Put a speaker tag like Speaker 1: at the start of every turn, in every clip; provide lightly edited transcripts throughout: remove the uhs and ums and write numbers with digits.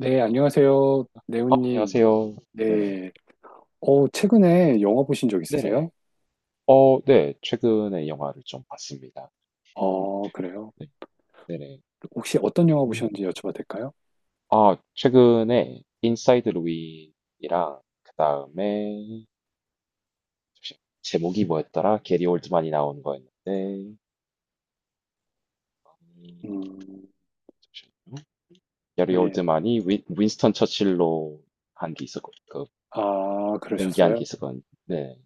Speaker 1: 네, 안녕하세요,
Speaker 2: 어,
Speaker 1: 네오님.
Speaker 2: 안녕하세요. 네네.
Speaker 1: 네. 최근에 영화 보신 적 있으세요?
Speaker 2: 네네. 어, 네. 최근에 영화를 좀 봤습니다. 음,
Speaker 1: 어, 그래요.
Speaker 2: 네. 네네.
Speaker 1: 혹시 어떤 영화
Speaker 2: 음.
Speaker 1: 보셨는지 여쭤봐도 될까요?
Speaker 2: 아, 최근에 인사이드 루인이랑 그다음에 제목이 뭐였더라? 게리 올드만이 나온 거였는데 음,
Speaker 1: 음,
Speaker 2: 잠시만요. 게리
Speaker 1: 예.
Speaker 2: 올드만이 윈스턴 처칠로 한 게 있었고 그
Speaker 1: 아,
Speaker 2: 연기한
Speaker 1: 그러셨어요?
Speaker 2: 게 있었건 네.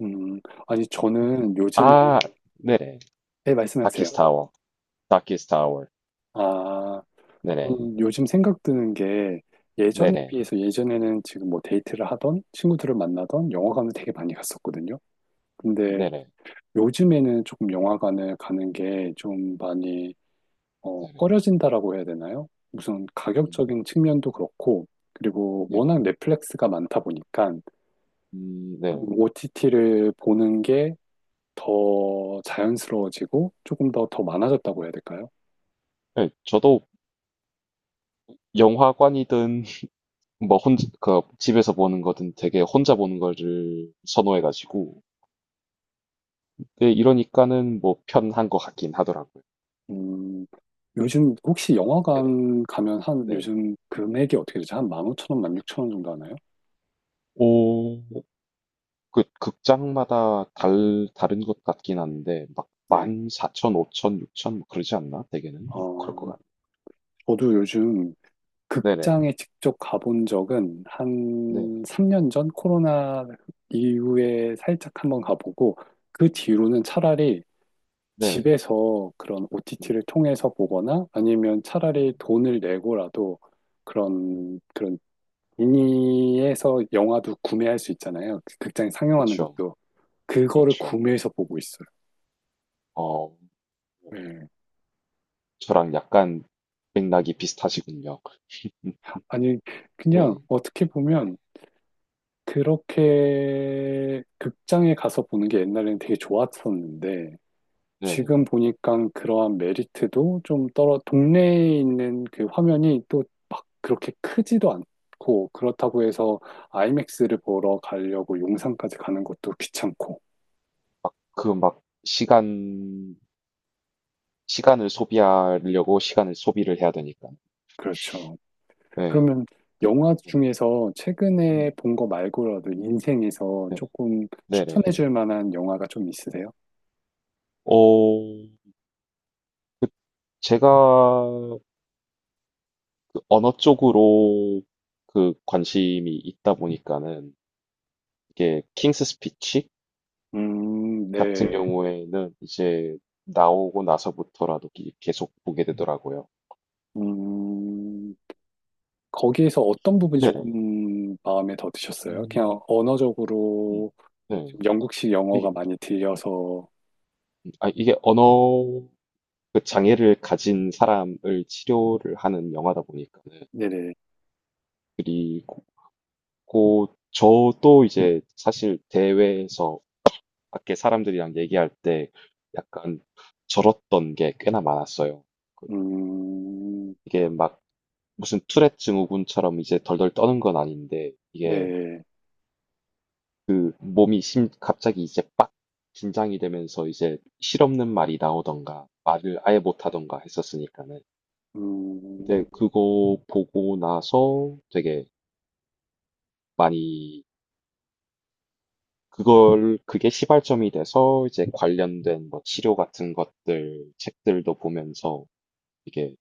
Speaker 1: 음, 아니,
Speaker 2: 음.
Speaker 1: 저는 요즘에,
Speaker 2: 아, 네네.
Speaker 1: 네, 말씀하세요.
Speaker 2: 다키스타워. 다키스타워.
Speaker 1: 아,
Speaker 2: 네네.
Speaker 1: 저는 요즘 생각 드는 게 예전에
Speaker 2: 네네.
Speaker 1: 비해서 예전에는 지금 뭐 데이트를 하던 친구들을 만나던 영화관을 되게 많이 갔었거든요. 근데
Speaker 2: 네네.
Speaker 1: 요즘에는 조금 영화관을 가는 게 좀 많이
Speaker 2: 네네.
Speaker 1: 꺼려진다라고 해야 되나요? 무슨
Speaker 2: 음,
Speaker 1: 가격적인 측면도 그렇고, 그리고
Speaker 2: 네네.
Speaker 1: 워낙 넷플릭스가 많다 보니까
Speaker 2: 네.
Speaker 1: OTT를 보는 게 더 자연스러워지고 조금 더 많아졌다고 해야 될까요?
Speaker 2: 네, 저도 영화관이든 뭐 혼자 그 집에서 보는 거든 되게 혼자 보는 거를 선호해가지고 네, 이러니까는 뭐 편한 것 같긴 하더라고요.
Speaker 1: 음, 요즘 혹시
Speaker 2: 네네.
Speaker 1: 영화관 가면 한
Speaker 2: 네.
Speaker 1: 요즘 금액이 어떻게 되죠? 한 15,000원, 16,000원 정도 하나요?
Speaker 2: 오, 그 극장마다 달 다른 것 같긴 한데 막
Speaker 1: 네.
Speaker 2: 만, 사천, 오천, 육천 뭐 그러지 않나? 대개는 그럴
Speaker 1: 어,
Speaker 2: 것 같네.
Speaker 1: 저도 요즘
Speaker 2: 네네.
Speaker 1: 극장에 직접 가본 적은
Speaker 2: 네네.
Speaker 1: 한 3년 전 코로나 이후에 살짝 한번 가보고 그 뒤로는 차라리
Speaker 2: 네네.
Speaker 1: 집에서 그런
Speaker 2: 음.
Speaker 1: OTT를 통해서 보거나 아니면 차라리
Speaker 2: 음.
Speaker 1: 돈을 내고라도
Speaker 2: 음.
Speaker 1: 그런 미니에서 영화도 구매할 수 있잖아요. 그 극장에 상영하는
Speaker 2: 그렇죠.
Speaker 1: 것도 그거를
Speaker 2: 그렇죠.
Speaker 1: 구매해서 보고 있어요.
Speaker 2: 어. 네.
Speaker 1: 예.
Speaker 2: 저랑 약간 맥락이 비슷하시군요.
Speaker 1: 아니, 그냥
Speaker 2: 네,
Speaker 1: 어떻게 보면 그렇게 극장에 가서 보는 게 옛날에는 되게 좋았었는데,
Speaker 2: 네.
Speaker 1: 지금 보니까 그러한 메리트도 좀 떨어, 동네에 있는 그 화면이 또 막 그렇게 크지도 않고, 그렇다고 해서 아이맥스를 보러 가려고 용산까지 가는 것도 귀찮고,
Speaker 2: 그 막 시간을 소비하려고 시간을 소비를 해야 되니까.
Speaker 1: 그렇죠.
Speaker 2: 네.
Speaker 1: 그러면
Speaker 2: 그,
Speaker 1: 영화
Speaker 2: 네.
Speaker 1: 중에서 최근에
Speaker 2: 음,
Speaker 1: 본 거 말고라도 인생에서
Speaker 2: 네네.
Speaker 1: 조금
Speaker 2: 네네.
Speaker 1: 추천해 줄 만한 영화가 좀 있으세요?
Speaker 2: 어, 제가 그 언어 쪽으로 그 관심이 있다 보니까는 이게 킹스 스피치 같은
Speaker 1: 네.
Speaker 2: 경우에는 이제 나오고 나서부터라도 계속 보게 되더라고요.
Speaker 1: 음, 거기에서 어떤 부분이
Speaker 2: 네네.
Speaker 1: 조금 마음에 더 드셨어요? 그냥
Speaker 2: 음.
Speaker 1: 언어적으로
Speaker 2: 음.
Speaker 1: 좀 영국식
Speaker 2: 네.
Speaker 1: 영어가 많이 들려서.
Speaker 2: 아, 이게 언어 그 장애를 가진 사람을 치료를 하는 영화다 보니까는
Speaker 1: 네네,
Speaker 2: 그리고 저도 이제 사실 대회에서 밖에 사람들이랑 얘기할 때 약간 절었던 게 꽤나 많았어요. 그-
Speaker 1: 음,
Speaker 2: 이게 막 무슨 투렛 증후군처럼 이제 덜덜 떠는 건 아닌데 이게
Speaker 1: 네,
Speaker 2: 그 몸이 심 갑자기 이제 빡 긴장이 되면서 이제 실없는 말이 나오던가 말을 아예 못하던가 했었으니까는
Speaker 1: 음,
Speaker 2: 근데 그거 보고 나서 되게 많이 그걸 그게 시발점이 돼서 이제 관련된 뭐 치료 같은 것들 책들도 보면서 이게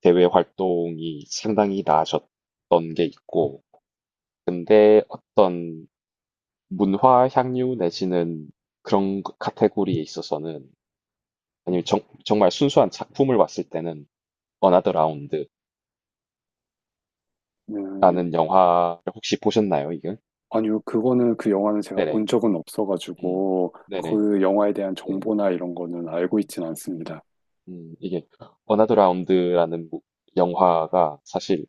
Speaker 2: 대외 활동이 상당히 나아졌던 게 있고 근데 어떤 문화 향유 내지는 그런 카테고리에 있어서는 아니면 정말 순수한 작품을 봤을 때는 어나더 라운드라는
Speaker 1: 네.
Speaker 2: 영화를 혹시 보셨나요, 이거?
Speaker 1: 아니요, 그거는 그 영화는 제가
Speaker 2: 네네.
Speaker 1: 본 적은
Speaker 2: 음.
Speaker 1: 없어가지고,
Speaker 2: 네네.
Speaker 1: 그 영화에 대한
Speaker 2: 네.
Speaker 1: 정보나 이런 거는 알고
Speaker 2: 음.
Speaker 1: 있진 않습니다.
Speaker 2: 이게 어나더 라운드라는 영화가 사실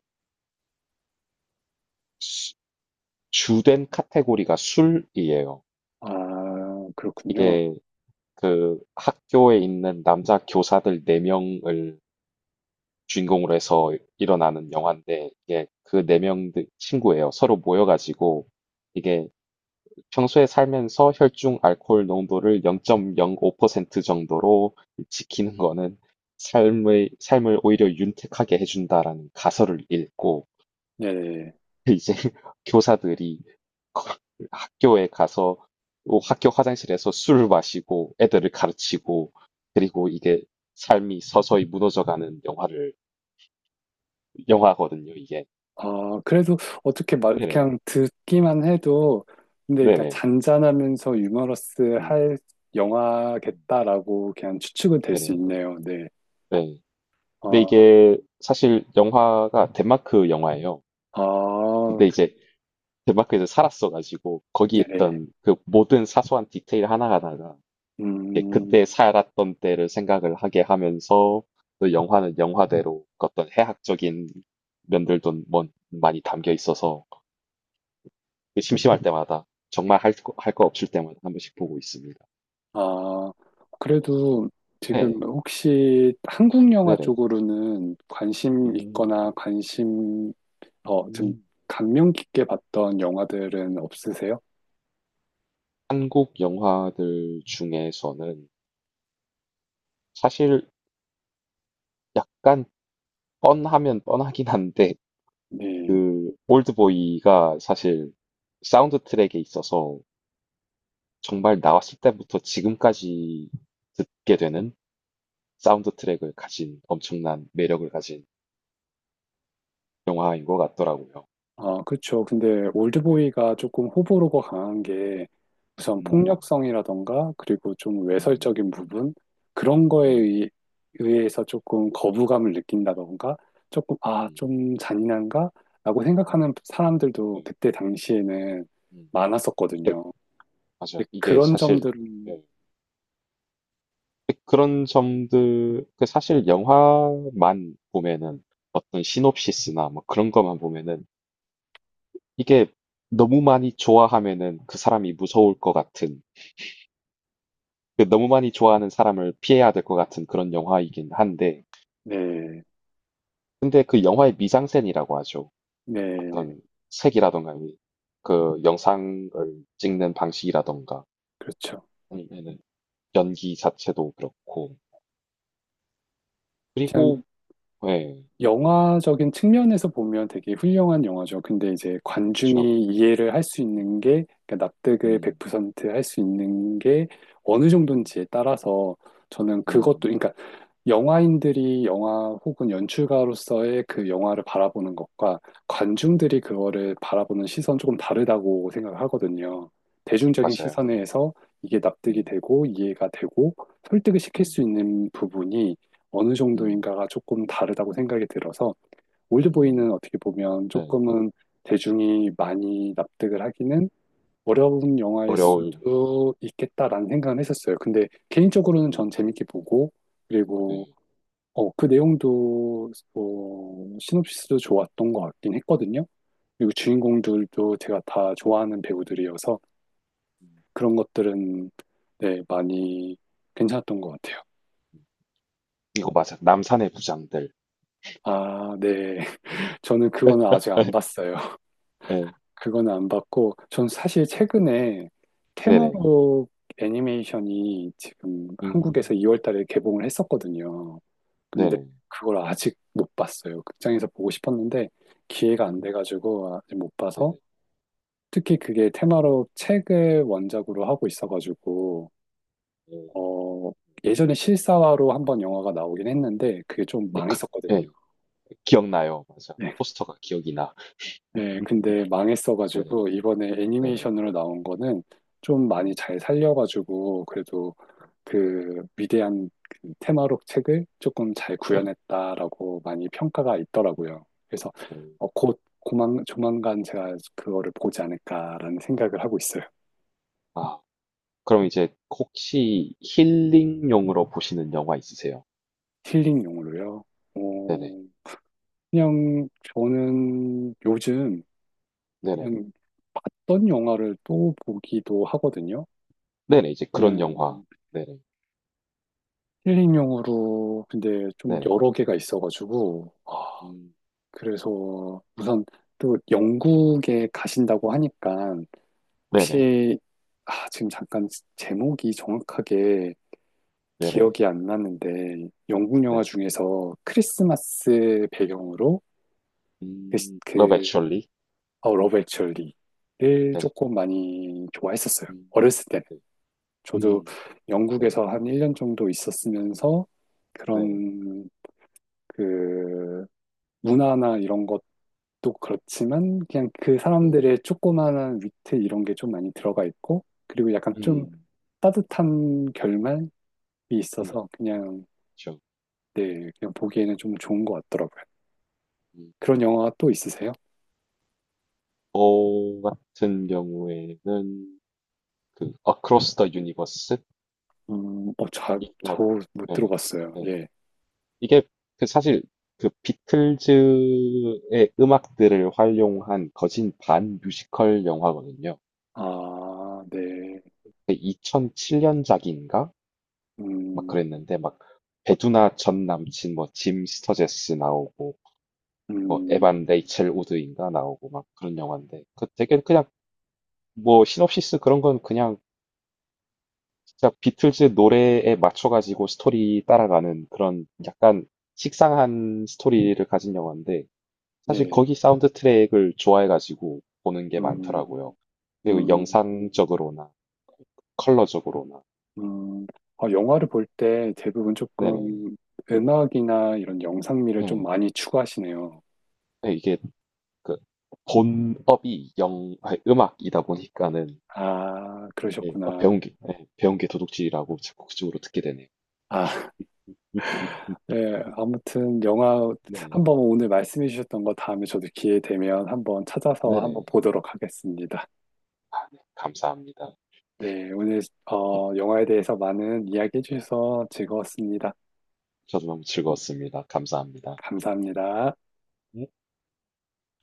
Speaker 2: 수- 주된 카테고리가 술이에요.
Speaker 1: 아, 그렇군요.
Speaker 2: 이게 그 학교에 있는 남자 교사들 4명을 주인공으로 해서 일어나는 영화인데 이게 그 4명 친구예요. 서로 모여가지고 이게 평소에 살면서 혈중 알코올 농도를 0.05% 정도로 지키는 거는 삶을 오히려 윤택하게 해준다라는 가설을 읽고
Speaker 1: 네.
Speaker 2: 이제 교사들이 학교에 가서 뭐 학교 화장실에서 술을 마시고 애들을 가르치고 그리고 이게 삶이 서서히 무너져가는 영화를 영화거든요, 이게.
Speaker 1: 아, 그래도 어떻게 말,
Speaker 2: 네네.
Speaker 1: 그냥 듣기만 해도, 근데 그러니까
Speaker 2: 네네.
Speaker 1: 잔잔하면서 유머러스
Speaker 2: 음,
Speaker 1: 할 영화겠다라고 그냥 추측은 될 수
Speaker 2: 네네.
Speaker 1: 있네요. 네.
Speaker 2: 네. 근데
Speaker 1: 아,
Speaker 2: 이게 사실 영화가 덴마크 영화예요.
Speaker 1: 아,
Speaker 2: 근데 이제 덴마크에서 살았어가지고 거기
Speaker 1: 네네.
Speaker 2: 있던 그 모든 사소한 디테일 하나하나가 이렇게
Speaker 1: 음,
Speaker 2: 그때 살았던 때를 생각을 하게 하면서 또 영화는 영화대로 그 어떤 해학적인 면들도 많이 담겨 있어서 그 심심할 때마다 정말 할 거 없을 때마다 한 번씩 보고 있습니다.
Speaker 1: 아, 그래도
Speaker 2: 네,
Speaker 1: 지금 혹시 한국 영화
Speaker 2: 네네.
Speaker 1: 쪽으로는 관심
Speaker 2: 음.
Speaker 1: 있거나 관심, 좀
Speaker 2: 음.
Speaker 1: 감명 깊게 봤던 영화들은 없으세요?
Speaker 2: 한국 영화들 중에서는 사실 약간 뻔하면 뻔하긴 한데
Speaker 1: 네.
Speaker 2: 그 올드보이가 사실 사운드 트랙에 있어서 정말 나왔을 때부터 지금까지 듣게 되는 사운드 트랙을 가진 엄청난 매력을 가진 영화인 것 같더라고요.
Speaker 1: 아, 그렇죠. 근데 올드보이가 조금 호불호가 강한 게 우선
Speaker 2: 음.
Speaker 1: 폭력성이라던가 그리고 좀
Speaker 2: 음.
Speaker 1: 외설적인 부분 그런 거에
Speaker 2: 음.
Speaker 1: 의해서 조금 거부감을 느낀다던가 조금 아,
Speaker 2: 음.
Speaker 1: 좀 잔인한가 라고
Speaker 2: 음.
Speaker 1: 생각하는 사람들도
Speaker 2: 음.
Speaker 1: 그때 당시에는
Speaker 2: 음.
Speaker 1: 많았었거든요.
Speaker 2: 맞아요.
Speaker 1: 근데
Speaker 2: 이게
Speaker 1: 그런
Speaker 2: 사실
Speaker 1: 점들은
Speaker 2: 예, 그런 점들 그 사실 영화만 보면은 어떤 시놉시스나 뭐 그런 것만 보면은 이게 너무 많이 좋아하면은 그 사람이 무서울 것 같은 그 너무 많이 좋아하는 사람을 피해야 될 것 같은 그런 영화이긴 한데
Speaker 1: 네,
Speaker 2: 근데 그 영화의 미장센이라고 하죠.
Speaker 1: 네,
Speaker 2: 어떤 색이라던가 이그 영상을 찍는 방식이라던가
Speaker 1: 그렇죠.
Speaker 2: 아니면은 연기 자체도 그렇고
Speaker 1: 그냥
Speaker 2: 그리고 네,
Speaker 1: 영화적인 측면에서 보면 되게 훌륭한 영화죠. 근데 이제
Speaker 2: 그렇죠.
Speaker 1: 관중이 이해를 할 수 있는
Speaker 2: 음.
Speaker 1: 게, 그러니까 납득을
Speaker 2: 음.
Speaker 1: 100%할 수 있는 게 어느
Speaker 2: 음.
Speaker 1: 정도인지에 따라서 저는 그것도,
Speaker 2: 음.
Speaker 1: 그러니까 영화인들이 영화 혹은 연출가로서의 그 영화를 바라보는 것과 관중들이
Speaker 2: 음.
Speaker 1: 그거를 바라보는 시선 조금 다르다고 생각을 하거든요. 대중적인
Speaker 2: 맞아요.
Speaker 1: 시선에서 이게 납득이
Speaker 2: 음.
Speaker 1: 되고 이해가 되고 설득을 시킬
Speaker 2: 음.
Speaker 1: 수 있는 부분이 어느
Speaker 2: 음.
Speaker 1: 정도인가가 조금 다르다고 생각이 들어서
Speaker 2: 음.
Speaker 1: 올드보이는 어떻게 보면
Speaker 2: 네.
Speaker 1: 조금은 대중이 많이 납득을
Speaker 2: 음.
Speaker 1: 하기는 어려운 영화일
Speaker 2: 어려울.
Speaker 1: 수도 있겠다라는 생각은 했었어요. 근데 개인적으로는 전
Speaker 2: 음.
Speaker 1: 재밌게 보고, 그리고
Speaker 2: 네.
Speaker 1: 어, 그 내용도 시놉시스도 좋았던 것 같긴 했거든요. 그리고
Speaker 2: 네.
Speaker 1: 주인공들도 제가 다 좋아하는 배우들이어서
Speaker 2: 음.
Speaker 1: 그런 것들은 네, 많이 괜찮았던 것 같아요.
Speaker 2: 이거 맞아. 남산의 부장들.
Speaker 1: 아, 네.
Speaker 2: 네.
Speaker 1: 저는 그거는 아직 안 봤어요.
Speaker 2: 네.
Speaker 1: 그거는 안 봤고, 전 사실
Speaker 2: 네.
Speaker 1: 최근에
Speaker 2: 네네.
Speaker 1: 테마로 애니메이션이 지금 한국에서
Speaker 2: 음.
Speaker 1: 2월 달에 개봉을 했었거든요. 근데
Speaker 2: 네네.
Speaker 1: 그걸 아직 못 봤어요. 극장에서 보고 싶었는데 기회가 안
Speaker 2: 음.
Speaker 1: 돼가지고 아직 못 봐서
Speaker 2: 네네.
Speaker 1: 특히 그게 테마로 책을 원작으로 하고 있어가지고
Speaker 2: 네.
Speaker 1: 어, 예전에 실사화로 한번 영화가 나오긴 했는데 그게 좀
Speaker 2: 네. 그.
Speaker 1: 망했었거든요.
Speaker 2: 네. 기억나요. 맞아.
Speaker 1: 네.
Speaker 2: 포스터가 기억이 나.
Speaker 1: 네, 근데
Speaker 2: 네네.
Speaker 1: 망했어가지고 이번에
Speaker 2: 네네.
Speaker 1: 애니메이션으로 나온 거는 좀 많이
Speaker 2: 음.
Speaker 1: 잘 살려가지고 그래도 그 위대한 그 테마록 책을 조금 잘
Speaker 2: 네네.
Speaker 1: 구현했다라고 많이 평가가 있더라고요. 그래서
Speaker 2: 음.
Speaker 1: 어, 조만간 제가 그거를 보지 않을까라는 생각을 하고 있어요.
Speaker 2: 아, 그럼 이제 혹시 힐링용으로 보시는 영화 있으세요?
Speaker 1: 힐링용으로요.
Speaker 2: 네네.
Speaker 1: 어, 그냥 저는 요즘
Speaker 2: 네네.
Speaker 1: 그냥 봤던 영화를 또 보기도 하거든요.
Speaker 2: 네네. 이제 그런 영화.
Speaker 1: 그냥
Speaker 2: 네네.
Speaker 1: 힐링용으로 근데 좀
Speaker 2: 네네.
Speaker 1: 여러 개가 있어가지고, 아,
Speaker 2: 음.
Speaker 1: 그래서 우선 또 영국에 가신다고 하니까
Speaker 2: 네네.
Speaker 1: 혹시 아, 지금 잠깐 제목이 정확하게
Speaker 2: 네네.
Speaker 1: 기억이 안 나는데 영국 영화
Speaker 2: 네네.
Speaker 1: 중에서 크리스마스 배경으로 그, 시-
Speaker 2: 음. Love
Speaker 1: 그
Speaker 2: Actually.
Speaker 1: 어, 러브 액츄얼리를
Speaker 2: 네.
Speaker 1: 조금 많이 좋아했었어요.
Speaker 2: 음.
Speaker 1: 어렸을 때는.
Speaker 2: 네.
Speaker 1: 저도
Speaker 2: 음. 네.
Speaker 1: 영국에서 한 1년 정도 있었으면서
Speaker 2: 네네.
Speaker 1: 그런 그 문화나 이런 것도 그렇지만 그냥 그
Speaker 2: 음.
Speaker 1: 사람들의 조그마한 위트 이런 게 좀 많이 들어가 있고 그리고 약간 좀
Speaker 2: 음.
Speaker 1: 따뜻한 결말이
Speaker 2: 음.
Speaker 1: 있어서 그냥
Speaker 2: 그렇죠.
Speaker 1: 네 그냥 보기에는 좀 좋은 것 같더라고요.
Speaker 2: 음.
Speaker 1: 그런 영화가 또 있으세요?
Speaker 2: 저 같은 경우에는 그 Across the Universe?
Speaker 1: 어,
Speaker 2: 이라고.
Speaker 1: 저못
Speaker 2: 네.
Speaker 1: 들어봤어요. 예.
Speaker 2: 이게 그 사실 그 비틀즈의 음악들을 활용한 거진 반 뮤지컬 영화거든요.
Speaker 1: 아, 네.
Speaker 2: 2007년작인가? 막
Speaker 1: 음,
Speaker 2: 그랬는데 막 배두나 전 남친 뭐 짐 스터제스 나오고 뭐
Speaker 1: 음,
Speaker 2: 에반 레이첼 우드인가 나오고 막 그런 영화인데 그 되게 그냥 뭐 시놉시스 그런 건 그냥 진짜 비틀즈 노래에 맞춰가지고 스토리 따라가는 그런 약간 식상한 스토리를 가진 영화인데 사실
Speaker 1: 예.
Speaker 2: 거기 사운드 트랙을 좋아해가지고 보는 게
Speaker 1: 음,
Speaker 2: 많더라고요. 그리고
Speaker 1: 음.
Speaker 2: 영상적으로나 컬러적으로나.
Speaker 1: 음, 아, 영화를 볼 때 대부분
Speaker 2: 네네.
Speaker 1: 조금 음악이나 이런 영상미를 좀
Speaker 2: 네.
Speaker 1: 많이 추구하시네요.
Speaker 2: 네, 이게 그 본업이 영, 아니, 음악이다 보니까는
Speaker 1: 아,
Speaker 2: 이게 아,
Speaker 1: 그러셨구나.
Speaker 2: 배운 게, 네, 배운 게 도둑질이라고 자꾸 그쪽으로 듣게 되네요.
Speaker 1: 아,
Speaker 2: 음. 음. 음.
Speaker 1: 네,
Speaker 2: 음.
Speaker 1: 아무튼 영화
Speaker 2: 네.
Speaker 1: 한번 오늘 말씀해 주셨던 거 다음에 저도 기회 되면 한번 찾아서 한번
Speaker 2: 네네.
Speaker 1: 보도록 하겠습니다.
Speaker 2: 아, 네. 감사합니다.
Speaker 1: 네, 오늘
Speaker 2: 네,
Speaker 1: 영화에 대해서 많은 이야기해 주셔서 즐거웠습니다.
Speaker 2: 저도 너무 즐거웠습니다. 감사합니다.
Speaker 1: 감사합니다.